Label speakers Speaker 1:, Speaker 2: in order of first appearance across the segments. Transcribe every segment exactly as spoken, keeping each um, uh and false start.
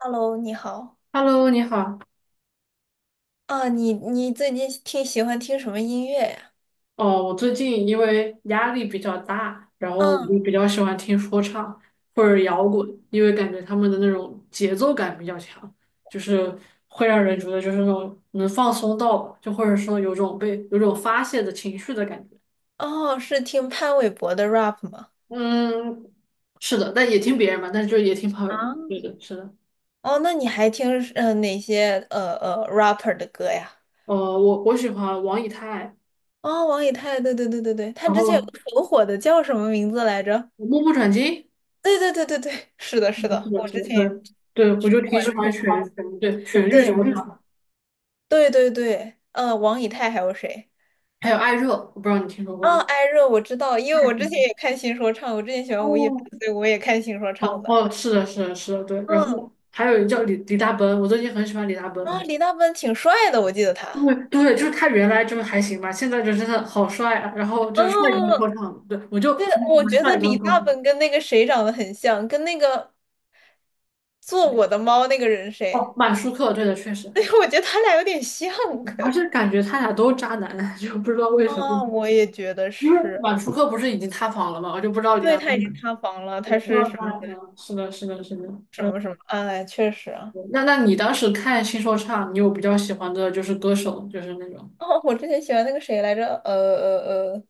Speaker 1: Hello，你好。
Speaker 2: Hello，你好。
Speaker 1: 啊，你你最近听喜欢听什么音乐呀？
Speaker 2: 哦，我最近因为压力比较大，然后我
Speaker 1: 嗯，
Speaker 2: 就比较喜欢听说唱或者摇滚，因为感觉他们的那种节奏感比较强，就是会让人觉得就是那种能放松到吧就或者说有种被有种发泄的情绪的感觉。
Speaker 1: 哦，是听潘玮柏的 rap 吗？
Speaker 2: 嗯，是的，但也听别人嘛，但是就也听朋友的。
Speaker 1: 啊，
Speaker 2: 对的，是的。
Speaker 1: 哦，那你还听呃哪些呃呃 rapper 的歌呀？
Speaker 2: 呃，我我喜欢王以太，
Speaker 1: 哦，王以太，对对对对对，他
Speaker 2: 然
Speaker 1: 之前有个
Speaker 2: 后
Speaker 1: 很火的叫什么名字来着？
Speaker 2: 目不转睛。
Speaker 1: 对对对对对，是的，
Speaker 2: 嗯，
Speaker 1: 是
Speaker 2: 是
Speaker 1: 的，
Speaker 2: 的，
Speaker 1: 我
Speaker 2: 是
Speaker 1: 之
Speaker 2: 的，
Speaker 1: 前
Speaker 2: 对
Speaker 1: 也
Speaker 2: 对，我就
Speaker 1: 不
Speaker 2: 挺
Speaker 1: 管
Speaker 2: 喜
Speaker 1: 是
Speaker 2: 欢
Speaker 1: 听什么，
Speaker 2: 旋对旋律说
Speaker 1: 对
Speaker 2: 唱。
Speaker 1: 对对对，呃，王以太还有谁？
Speaker 2: 还有艾热，我不知道你听说过
Speaker 1: 啊，
Speaker 2: 吗？
Speaker 1: 艾热我知道，因为
Speaker 2: 艾
Speaker 1: 我之前
Speaker 2: 热
Speaker 1: 也看新说唱，我之前喜欢吴亦凡，
Speaker 2: 哦
Speaker 1: 所以我也看新说唱
Speaker 2: 哦
Speaker 1: 的。
Speaker 2: 哦，是的，是的，是的，对。然
Speaker 1: 嗯，
Speaker 2: 后还有一个叫李李大奔，我最近很喜欢李大奔。
Speaker 1: 啊，李大奔挺帅的，我记得他。
Speaker 2: 对对，就是他原来就是还行吧，现在就真的好帅啊！然后就是帅哥说
Speaker 1: 嗯，
Speaker 2: 唱，对，我就
Speaker 1: 对，
Speaker 2: 很喜
Speaker 1: 我
Speaker 2: 欢
Speaker 1: 觉得
Speaker 2: 帅哥
Speaker 1: 李
Speaker 2: 说
Speaker 1: 大
Speaker 2: 唱。
Speaker 1: 奔跟那个谁长得很像，跟那个做我的猫那个人谁？
Speaker 2: 哦，满舒克，对的，确 实，
Speaker 1: 对，我觉得他俩有点像。
Speaker 2: 而 且感觉他俩都渣男，就不知道为什么。
Speaker 1: 啊，我也觉得
Speaker 2: 因为
Speaker 1: 是。
Speaker 2: 满舒克不是已经塌房了吗？我就不知道李
Speaker 1: 对，
Speaker 2: 大
Speaker 1: 他
Speaker 2: 奔
Speaker 1: 已
Speaker 2: 怎么
Speaker 1: 经塌房了，他是
Speaker 2: 做
Speaker 1: 什
Speaker 2: 他。
Speaker 1: 么
Speaker 2: 嗯，是的，是的，是的，
Speaker 1: 什
Speaker 2: 嗯。
Speaker 1: 么什么？哎，确实啊。
Speaker 2: 那那你当时看新说唱，你有比较喜欢的就是歌手，就是那种
Speaker 1: 哦，我之前喜欢那个谁来着？呃呃呃，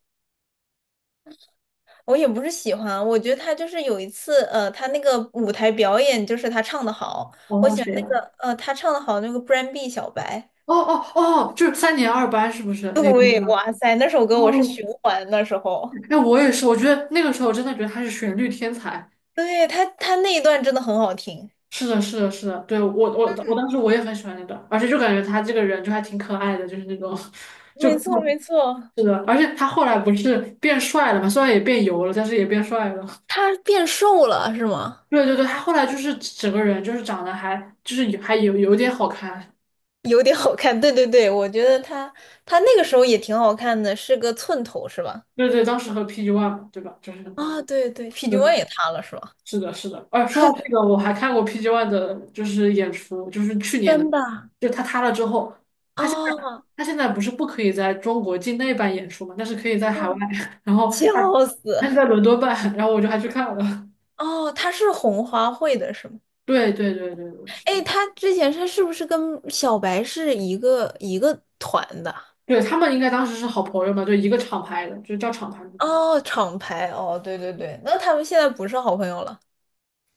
Speaker 1: 我也不是喜欢啊，我觉得他就是有一次，呃，他那个舞台表演就是他唱的好，我
Speaker 2: 哦
Speaker 1: 喜欢
Speaker 2: 谁
Speaker 1: 那个，
Speaker 2: 呀、
Speaker 1: 呃，他唱的好那个 b r a n d B 小白。
Speaker 2: 哦哦哦，就是三年二班是不是 那个
Speaker 1: 对，
Speaker 2: 吗？
Speaker 1: 哇塞，那首歌我是
Speaker 2: 哦，
Speaker 1: 循环那时候，
Speaker 2: 哎，我也是，我觉得那个时候真的觉得他是旋律天才。
Speaker 1: 对他他那一段真的很好听，
Speaker 2: 是的，是的，是的，对我我我当时我也很喜欢那段，而且就感觉他这个人就还挺可爱的，就是那种 就
Speaker 1: 没错没错，
Speaker 2: 是的，而且他后来不是变帅了嘛，虽然也变油了，但是也变帅了。
Speaker 1: 他变瘦了是吗？
Speaker 2: 对对对，他后来就是整个人就是长得还，就是还有有点好看。
Speaker 1: 有点好看，对对对，我觉得他他那个时候也挺好看的，是个寸头是吧？
Speaker 2: 对对，当时和 P G One 嘛，对吧？就是，
Speaker 1: 啊，对对，P G
Speaker 2: 对，
Speaker 1: One 也塌了是吧？
Speaker 2: 是的，是的。哎，说到这个，我还看过 P G One 的，就是演出，就是去年的，
Speaker 1: 真的
Speaker 2: 就他塌了之后，他现在
Speaker 1: 啊
Speaker 2: 他现在不是不可以在中国境内办演出嘛，但是可以在
Speaker 1: 啊，
Speaker 2: 海外，然后
Speaker 1: 笑
Speaker 2: 他
Speaker 1: 死！
Speaker 2: 他在伦敦办，然后我就还去看了。
Speaker 1: 哦，他是红花会的是吗？
Speaker 2: 对对对对对，是
Speaker 1: 哎，
Speaker 2: 的，
Speaker 1: 他之前他是不是跟小白是一个一个团的？
Speaker 2: 对他们应该当时是好朋友嘛，就一个厂牌的，就是叫厂牌嘛，对，
Speaker 1: 哦，厂牌哦，对对对，那他们现在不是好朋友了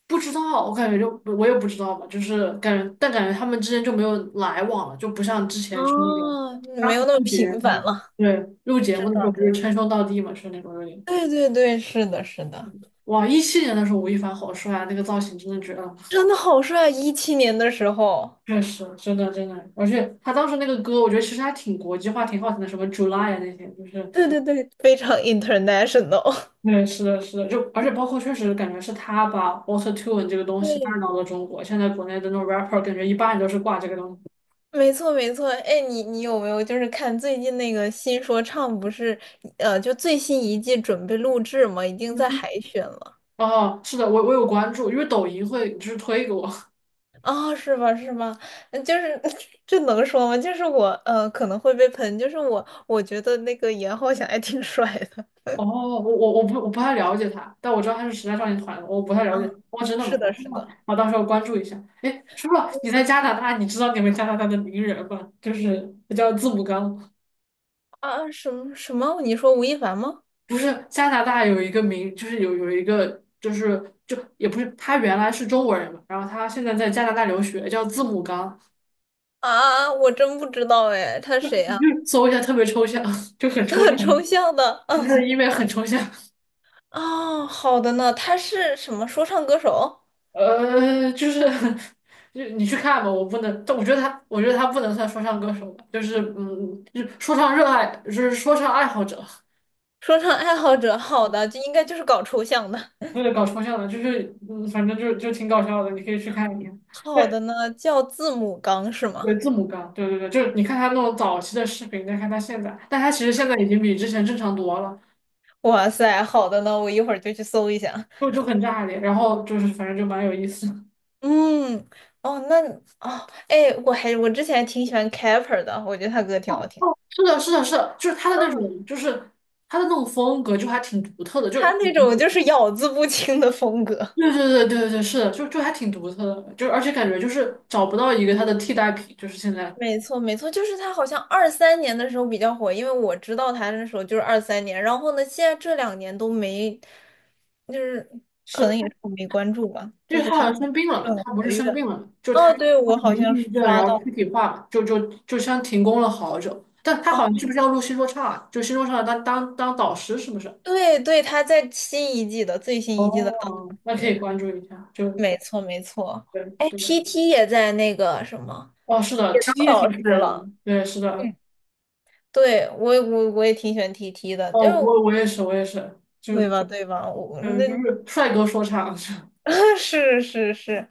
Speaker 2: 不知道，我感觉就我也不知道吧，就是感觉，但感觉他们之间就没有来往了，就不像之前就是那种
Speaker 1: 哦，没
Speaker 2: 当
Speaker 1: 有
Speaker 2: 时
Speaker 1: 那么
Speaker 2: 录节
Speaker 1: 频繁
Speaker 2: 目，
Speaker 1: 了。
Speaker 2: 对，录节
Speaker 1: 是
Speaker 2: 目的时候不是
Speaker 1: 的。
Speaker 2: 称兄道弟嘛，是那种有点。
Speaker 1: 对对对，是的，是的，
Speaker 2: 哇，一七年的时候吴亦凡好帅啊，那个造型真的绝了，
Speaker 1: 真的好帅！一七年的时候，
Speaker 2: 确实，真的真的，而且他当时那个歌，我觉得其实还挺国际化，挺好听的，什么 July 啊那些，就是
Speaker 1: 对对对非常 international。
Speaker 2: 对，是的，是的，就而且包括确实感觉是他把 Auto Tune 这个 东西带
Speaker 1: 对，
Speaker 2: 到了中国，现在国内的那种 rapper 感觉一般都是挂这个东西。
Speaker 1: 没错，没错。哎，你你有没有就是看最近那个新说唱不是，呃，就最新一季准备录制嘛，已经在海选了。
Speaker 2: 哦，是的，我我有关注，因为抖音会就是推给我。
Speaker 1: 啊，是吧？是吗？嗯就是 这能说吗？就是我呃可能会被喷，就是我我觉得那个严浩翔还挺帅的。
Speaker 2: 哦，我我我不我不太了解他，但我知道他是时代少年团的，我不太了解
Speaker 1: 啊
Speaker 2: 他。哦 真的吗？
Speaker 1: 是的，
Speaker 2: 哦
Speaker 1: 是
Speaker 2: 好，
Speaker 1: 的。
Speaker 2: 我到时候关注一下。哎，叔叔，你在加拿大，你知道你们加拿大的名人吗？就是他叫字母刚，
Speaker 1: 啊，什么什么？你说吴亦凡吗？
Speaker 2: 不是加拿大有一个名，就是有有一个就是就也不是，他原来是中国人嘛，然后他现在在加拿大留学，叫字母刚，
Speaker 1: 啊，我真不知道哎，他谁
Speaker 2: 你
Speaker 1: 啊？
Speaker 2: 去搜一下，特别抽象，就很抽
Speaker 1: 抽
Speaker 2: 象，
Speaker 1: 象的。啊，
Speaker 2: 就是因为很抽象。
Speaker 1: 哦，好的呢，他是什么说唱歌手、
Speaker 2: 呃，就是 就你去看吧，我不能，但我觉得他，我觉得他不能算说唱歌手吧，就是嗯，就是说唱热爱，就是说唱爱好者，
Speaker 1: 说唱爱好者？好的，就应该就是搞抽象的。
Speaker 2: 为了搞抽象的，就是嗯，反正就就挺搞笑的，你可以去看一看。
Speaker 1: 好的
Speaker 2: 对，
Speaker 1: 呢，叫字母刚是
Speaker 2: 对
Speaker 1: 吗？
Speaker 2: 字母哥，对对对，就是你看他那种早期的视频，再看他现在，但他其实现在已经比之前正常多了，
Speaker 1: 哇塞，好的呢，我一会儿就去搜一下。
Speaker 2: 就就很炸裂，然后就是反正就蛮有意思的。
Speaker 1: 嗯，哦，那哦，哎，我还我之前挺喜欢 Capper 的，我觉得他歌挺好听。
Speaker 2: 是的，是的，是的，就是他的那
Speaker 1: 嗯，
Speaker 2: 种，就是他的那种风格，就还挺独特的，就。
Speaker 1: 他那种就是咬字不清的风格。
Speaker 2: 对对对对对，是的，就就还挺独特的，就而且感觉就是找不到一个他的替代品，就是现在
Speaker 1: 没错，没错，就是他好像二三年的时候比较火，因为我知道他那时候就是二三年，然后呢，现在这两年都没，就是可
Speaker 2: 是，
Speaker 1: 能也是我没关注吧，
Speaker 2: 因
Speaker 1: 就
Speaker 2: 为
Speaker 1: 是
Speaker 2: 他好
Speaker 1: 他
Speaker 2: 像生病
Speaker 1: 不
Speaker 2: 了
Speaker 1: 是
Speaker 2: 嘛，
Speaker 1: 很
Speaker 2: 他不
Speaker 1: 活
Speaker 2: 是
Speaker 1: 跃。
Speaker 2: 生病了嘛，就
Speaker 1: 哦，
Speaker 2: 他
Speaker 1: 对，
Speaker 2: 他
Speaker 1: 我
Speaker 2: 是
Speaker 1: 好
Speaker 2: 没抑
Speaker 1: 像
Speaker 2: 郁
Speaker 1: 是
Speaker 2: 症，
Speaker 1: 刷
Speaker 2: 然后躯
Speaker 1: 到，
Speaker 2: 体化嘛，就就就像停工了好久，但他
Speaker 1: 哦，
Speaker 2: 好像是不是要录新说唱啊？就新说唱当当当导师是不是？
Speaker 1: 对对，他在新一季的最新一季的当
Speaker 2: 哦，那可以
Speaker 1: 中。
Speaker 2: 关注一下，就
Speaker 1: 没错没错。
Speaker 2: 对
Speaker 1: 哎
Speaker 2: 对，
Speaker 1: ，T T 也在那个什么，
Speaker 2: 哦，是的
Speaker 1: 也
Speaker 2: ，T T
Speaker 1: 当
Speaker 2: 也
Speaker 1: 导师
Speaker 2: 挺帅的，
Speaker 1: 了。
Speaker 2: 对，是的，
Speaker 1: 嗯，对，我我我也挺喜欢 T T 的，就
Speaker 2: 哦，我我也是，我也是，就
Speaker 1: 对吧对吧？我
Speaker 2: 嗯
Speaker 1: 那
Speaker 2: 就是帅哥说唱，
Speaker 1: 是是是，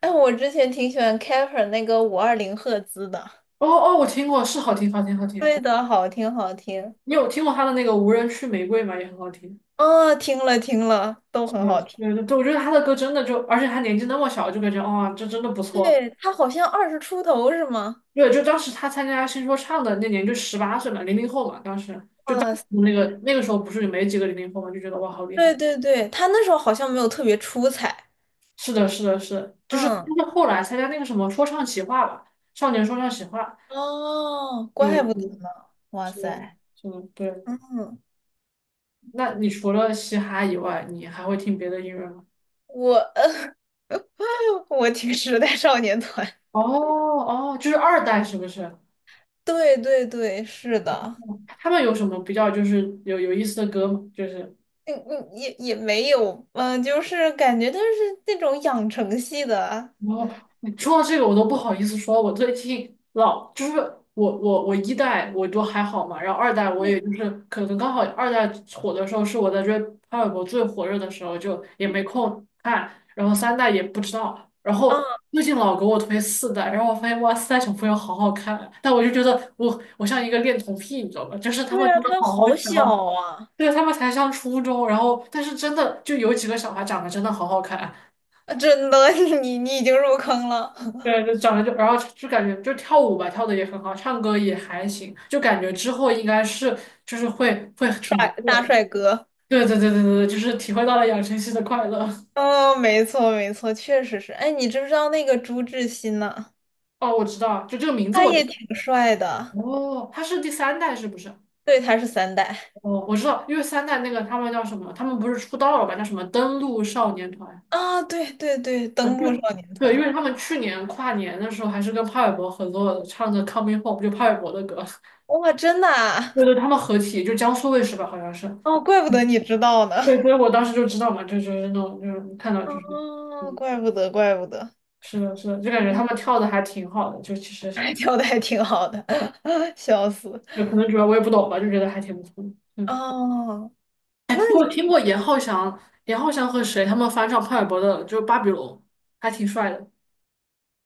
Speaker 1: 哎，我之前挺喜欢 Kefir 那个五二零赫兹的，
Speaker 2: 哦哦，我听过，是好听好听好听。
Speaker 1: 对的，好听好听。
Speaker 2: 你有听过他的那个《无人区玫瑰》吗？也很好听。
Speaker 1: 哦，听了听了，都
Speaker 2: 是
Speaker 1: 很
Speaker 2: 的，
Speaker 1: 好听。
Speaker 2: 对对对，我觉得他的歌真的就，而且他年纪那么小，就感觉哇、这真的不错。
Speaker 1: 对，他好像二十出头是吗？
Speaker 2: 对，就当时他参加新说唱的那年，就十八岁嘛，零零后嘛，当时就当
Speaker 1: 哇
Speaker 2: 时
Speaker 1: 塞，
Speaker 2: 那个那个时候不是没几个零零后嘛，就觉得哇，好厉
Speaker 1: 对
Speaker 2: 害。
Speaker 1: 对对，他那时候好像没有特别出彩。
Speaker 2: 是的，是的，是的，就是，
Speaker 1: 嗯，
Speaker 2: 但是后来参加那个什么说唱企划吧，少年说唱企划，
Speaker 1: 哦，
Speaker 2: 就
Speaker 1: 怪不得
Speaker 2: 嗯，
Speaker 1: 呢。哇
Speaker 2: 是的，
Speaker 1: 塞，
Speaker 2: 是的，对。
Speaker 1: 嗯，
Speaker 2: 那你除了嘻哈以外，你还会听别的音乐吗？
Speaker 1: 我，呃我挺时代少年团。
Speaker 2: 哦哦，就是二代是不是？
Speaker 1: 对对对，是的，
Speaker 2: 他们有什么比较就是有有意思的歌吗？就是
Speaker 1: 嗯嗯，也也没有，嗯、就是感觉他是那种养成系的啊，
Speaker 2: 我，你说到这个我都不好意思说，我最近老就是，我我我一代我都还好嘛，然后二代我也就是可能刚好二代火的时候是我在追潘玮柏最火热的时候，就也没空看，然后三代也不知道，然后
Speaker 1: 啊
Speaker 2: 最近老给我推四代，然后我发现哇四代小朋友好好看啊，但我就觉得我我像一个恋童癖，你知道吧？就是他们
Speaker 1: 对啊，
Speaker 2: 真的
Speaker 1: 他
Speaker 2: 好好
Speaker 1: 好
Speaker 2: 笑
Speaker 1: 小
Speaker 2: 啊。
Speaker 1: 啊，
Speaker 2: 对，他们才上初中，然后但是真的就有几个小孩长得真的好好看，
Speaker 1: 啊真的，你你已经入坑了，
Speaker 2: 对，就长得就然后就感觉就跳舞吧，跳的也很好，唱歌也还行，就感觉之后应该是就是会会
Speaker 1: 帅
Speaker 2: 挺不错
Speaker 1: 大
Speaker 2: 的。
Speaker 1: 帅哥，
Speaker 2: 对对对对对，就是体会到了养成系的快乐。
Speaker 1: 哦，没错没错，确实是。哎，你知不知道那个朱志鑫呢？
Speaker 2: 哦，我知道，就这个名字
Speaker 1: 他
Speaker 2: 我知
Speaker 1: 也挺
Speaker 2: 道，
Speaker 1: 帅的，
Speaker 2: 哦，他是第三代是不是？
Speaker 1: 对，他是三代
Speaker 2: 哦，我知道，因为三代那个他们叫什么？他们不是出道了吧？叫什么登陆少年团？
Speaker 1: 啊，对对对，登陆少年
Speaker 2: 对，因
Speaker 1: 团，
Speaker 2: 为他们去年跨年的时候还是跟潘玮柏合作的，唱的《Coming Home》,就潘玮柏的歌。
Speaker 1: 哇，真的啊，
Speaker 2: 对对，他们合体，就江苏卫视吧，好像是。
Speaker 1: 哦，怪不得你知道呢。
Speaker 2: 对，所以我当时就知道嘛，就就是那种就是看到就是，对，
Speaker 1: 哦，怪不得，怪不得。
Speaker 2: 是的，是的，就感觉他
Speaker 1: 嗯，
Speaker 2: 们跳的还挺好的，就其实，
Speaker 1: 哎跳的还挺好的，笑死。
Speaker 2: 就可能主要我也不懂吧，就觉得还挺不错的。嗯，
Speaker 1: 哦，那
Speaker 2: 哎，
Speaker 1: 你
Speaker 2: 我有听过严浩翔，严浩翔和谁他们翻唱潘玮柏的，就是《巴比伦》，还挺帅的。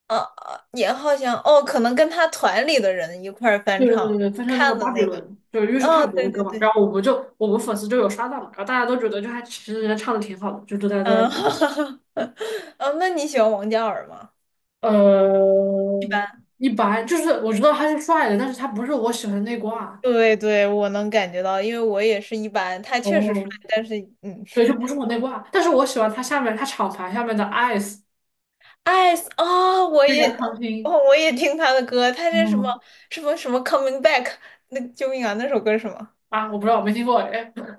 Speaker 1: 哦，啊也好像哦，可能跟他团里的人一块儿翻
Speaker 2: 对对对，
Speaker 1: 唱
Speaker 2: 对翻唱那个
Speaker 1: 看的
Speaker 2: 《巴比
Speaker 1: 那个。
Speaker 2: 伦》，就是因为是潘
Speaker 1: 哦，
Speaker 2: 玮柏
Speaker 1: 对
Speaker 2: 的
Speaker 1: 对
Speaker 2: 歌嘛，然
Speaker 1: 对，
Speaker 2: 后我们就我们粉丝就有刷到嘛，然后大家都觉得就还其实人家唱的挺好的，就都在在。
Speaker 1: 嗯，哦，那你喜欢王嘉尔吗？一
Speaker 2: 呃，
Speaker 1: 般。
Speaker 2: 一般，就是我知道他是帅的，但是他不是我喜欢的内挂。
Speaker 1: 对对，我能感觉到，因为我也是一般，他确实帅，
Speaker 2: 哦，
Speaker 1: 但是嗯。
Speaker 2: 对，就不是我内挂，但是我喜欢他下面他厂牌下面的 Ice,
Speaker 1: Ice 哦，我
Speaker 2: 就
Speaker 1: 也
Speaker 2: 杨长青。
Speaker 1: 哦，我也听他的歌，他这什么
Speaker 2: 嗯，
Speaker 1: 什么什么 Coming Back，那个救命啊，那首歌是什么？
Speaker 2: 啊，我不知道，我没听过哎。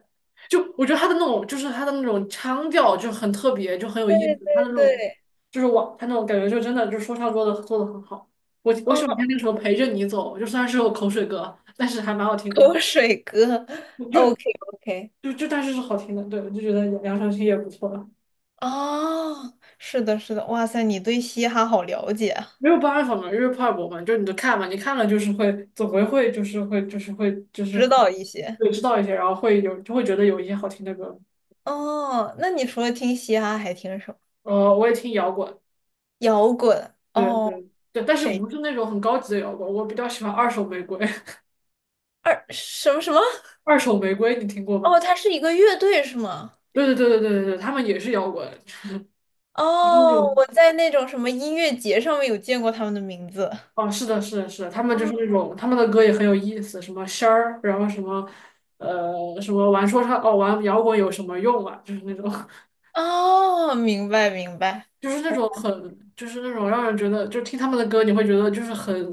Speaker 2: 就我觉得他的那种，就是他的那种腔调就很特别，就很有
Speaker 1: 对
Speaker 2: 意思。他的
Speaker 1: 对
Speaker 2: 那种，
Speaker 1: 对，
Speaker 2: 就是我他那种感觉，就真的就说唱做的做的很好。我我喜欢
Speaker 1: 嗯，
Speaker 2: 听那首《陪着你走》，就虽然是首口水歌，但是还蛮好听的。
Speaker 1: 口水歌
Speaker 2: 就
Speaker 1: ，OK OK，
Speaker 2: 就就但是是好听的，对，我就觉得杨杨长青也不错。
Speaker 1: 哦，是的，是的，哇塞，你对嘻哈好了解啊，
Speaker 2: 没有办法嘛，因为怕我们就你就看嘛，你看了就是会，总归会就是会就是会就是
Speaker 1: 知道一些
Speaker 2: 会知道一些，然后会有，就会觉得有一些好听的歌。
Speaker 1: 哦。那你除了听嘻哈，还听什么？
Speaker 2: 呃，我也听摇滚，
Speaker 1: 摇滚
Speaker 2: 对
Speaker 1: 哦，
Speaker 2: 对对，但是
Speaker 1: 谁？
Speaker 2: 不是那种很高级的摇滚，我比较喜欢二手玫瑰。
Speaker 1: 二什么什么？
Speaker 2: 二手玫瑰你听过
Speaker 1: 哦，
Speaker 2: 吗？
Speaker 1: 他是一个乐队是吗？
Speaker 2: 对对对对对对对，他们也是摇滚，就是那
Speaker 1: 哦，
Speaker 2: 种，
Speaker 1: 我在那种什么音乐节上面有见过他们的名字。
Speaker 2: 哦，是的，是的，是的，他们就是那
Speaker 1: 哦，
Speaker 2: 种，他们的歌也很有意思，什么仙儿，然后什么呃什么玩说唱哦玩摇滚有什么用啊，就是那种。
Speaker 1: 哦，明白明白，
Speaker 2: 就是那
Speaker 1: 我
Speaker 2: 种很，就是那种让人觉得，就听他们的歌，你会觉得就是很，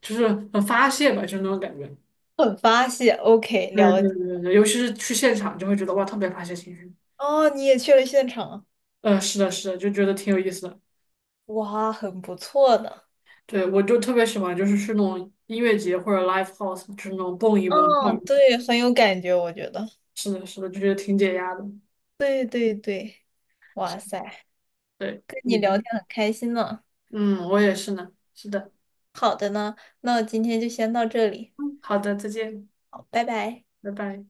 Speaker 2: 就是很发泄吧，就是那种感觉。
Speaker 1: 很发泄，OK，
Speaker 2: 对
Speaker 1: 了
Speaker 2: 对
Speaker 1: 解。
Speaker 2: 对对，尤其是去现场，就会觉得哇，特别发泄情绪。
Speaker 1: 哦，你也去了现场啊
Speaker 2: 呃，是的，是的，就觉得挺有意思的。
Speaker 1: 哇，很不错的。
Speaker 2: 对，我就特别喜欢，就是去那种音乐节或者 live house,就是那种蹦一蹦跳一
Speaker 1: 嗯，
Speaker 2: 跳，
Speaker 1: 对，很有感觉，我觉得。
Speaker 2: 是的，是的，就觉得挺解压的。
Speaker 1: 对对对，哇塞，
Speaker 2: 对，
Speaker 1: 跟
Speaker 2: 我
Speaker 1: 你
Speaker 2: 觉得，
Speaker 1: 聊天很开心呢。
Speaker 2: 嗯，我也是呢。是的，
Speaker 1: 好的呢，那我今天就先到这里，
Speaker 2: 好的，再见，
Speaker 1: 好，拜拜。
Speaker 2: 拜拜。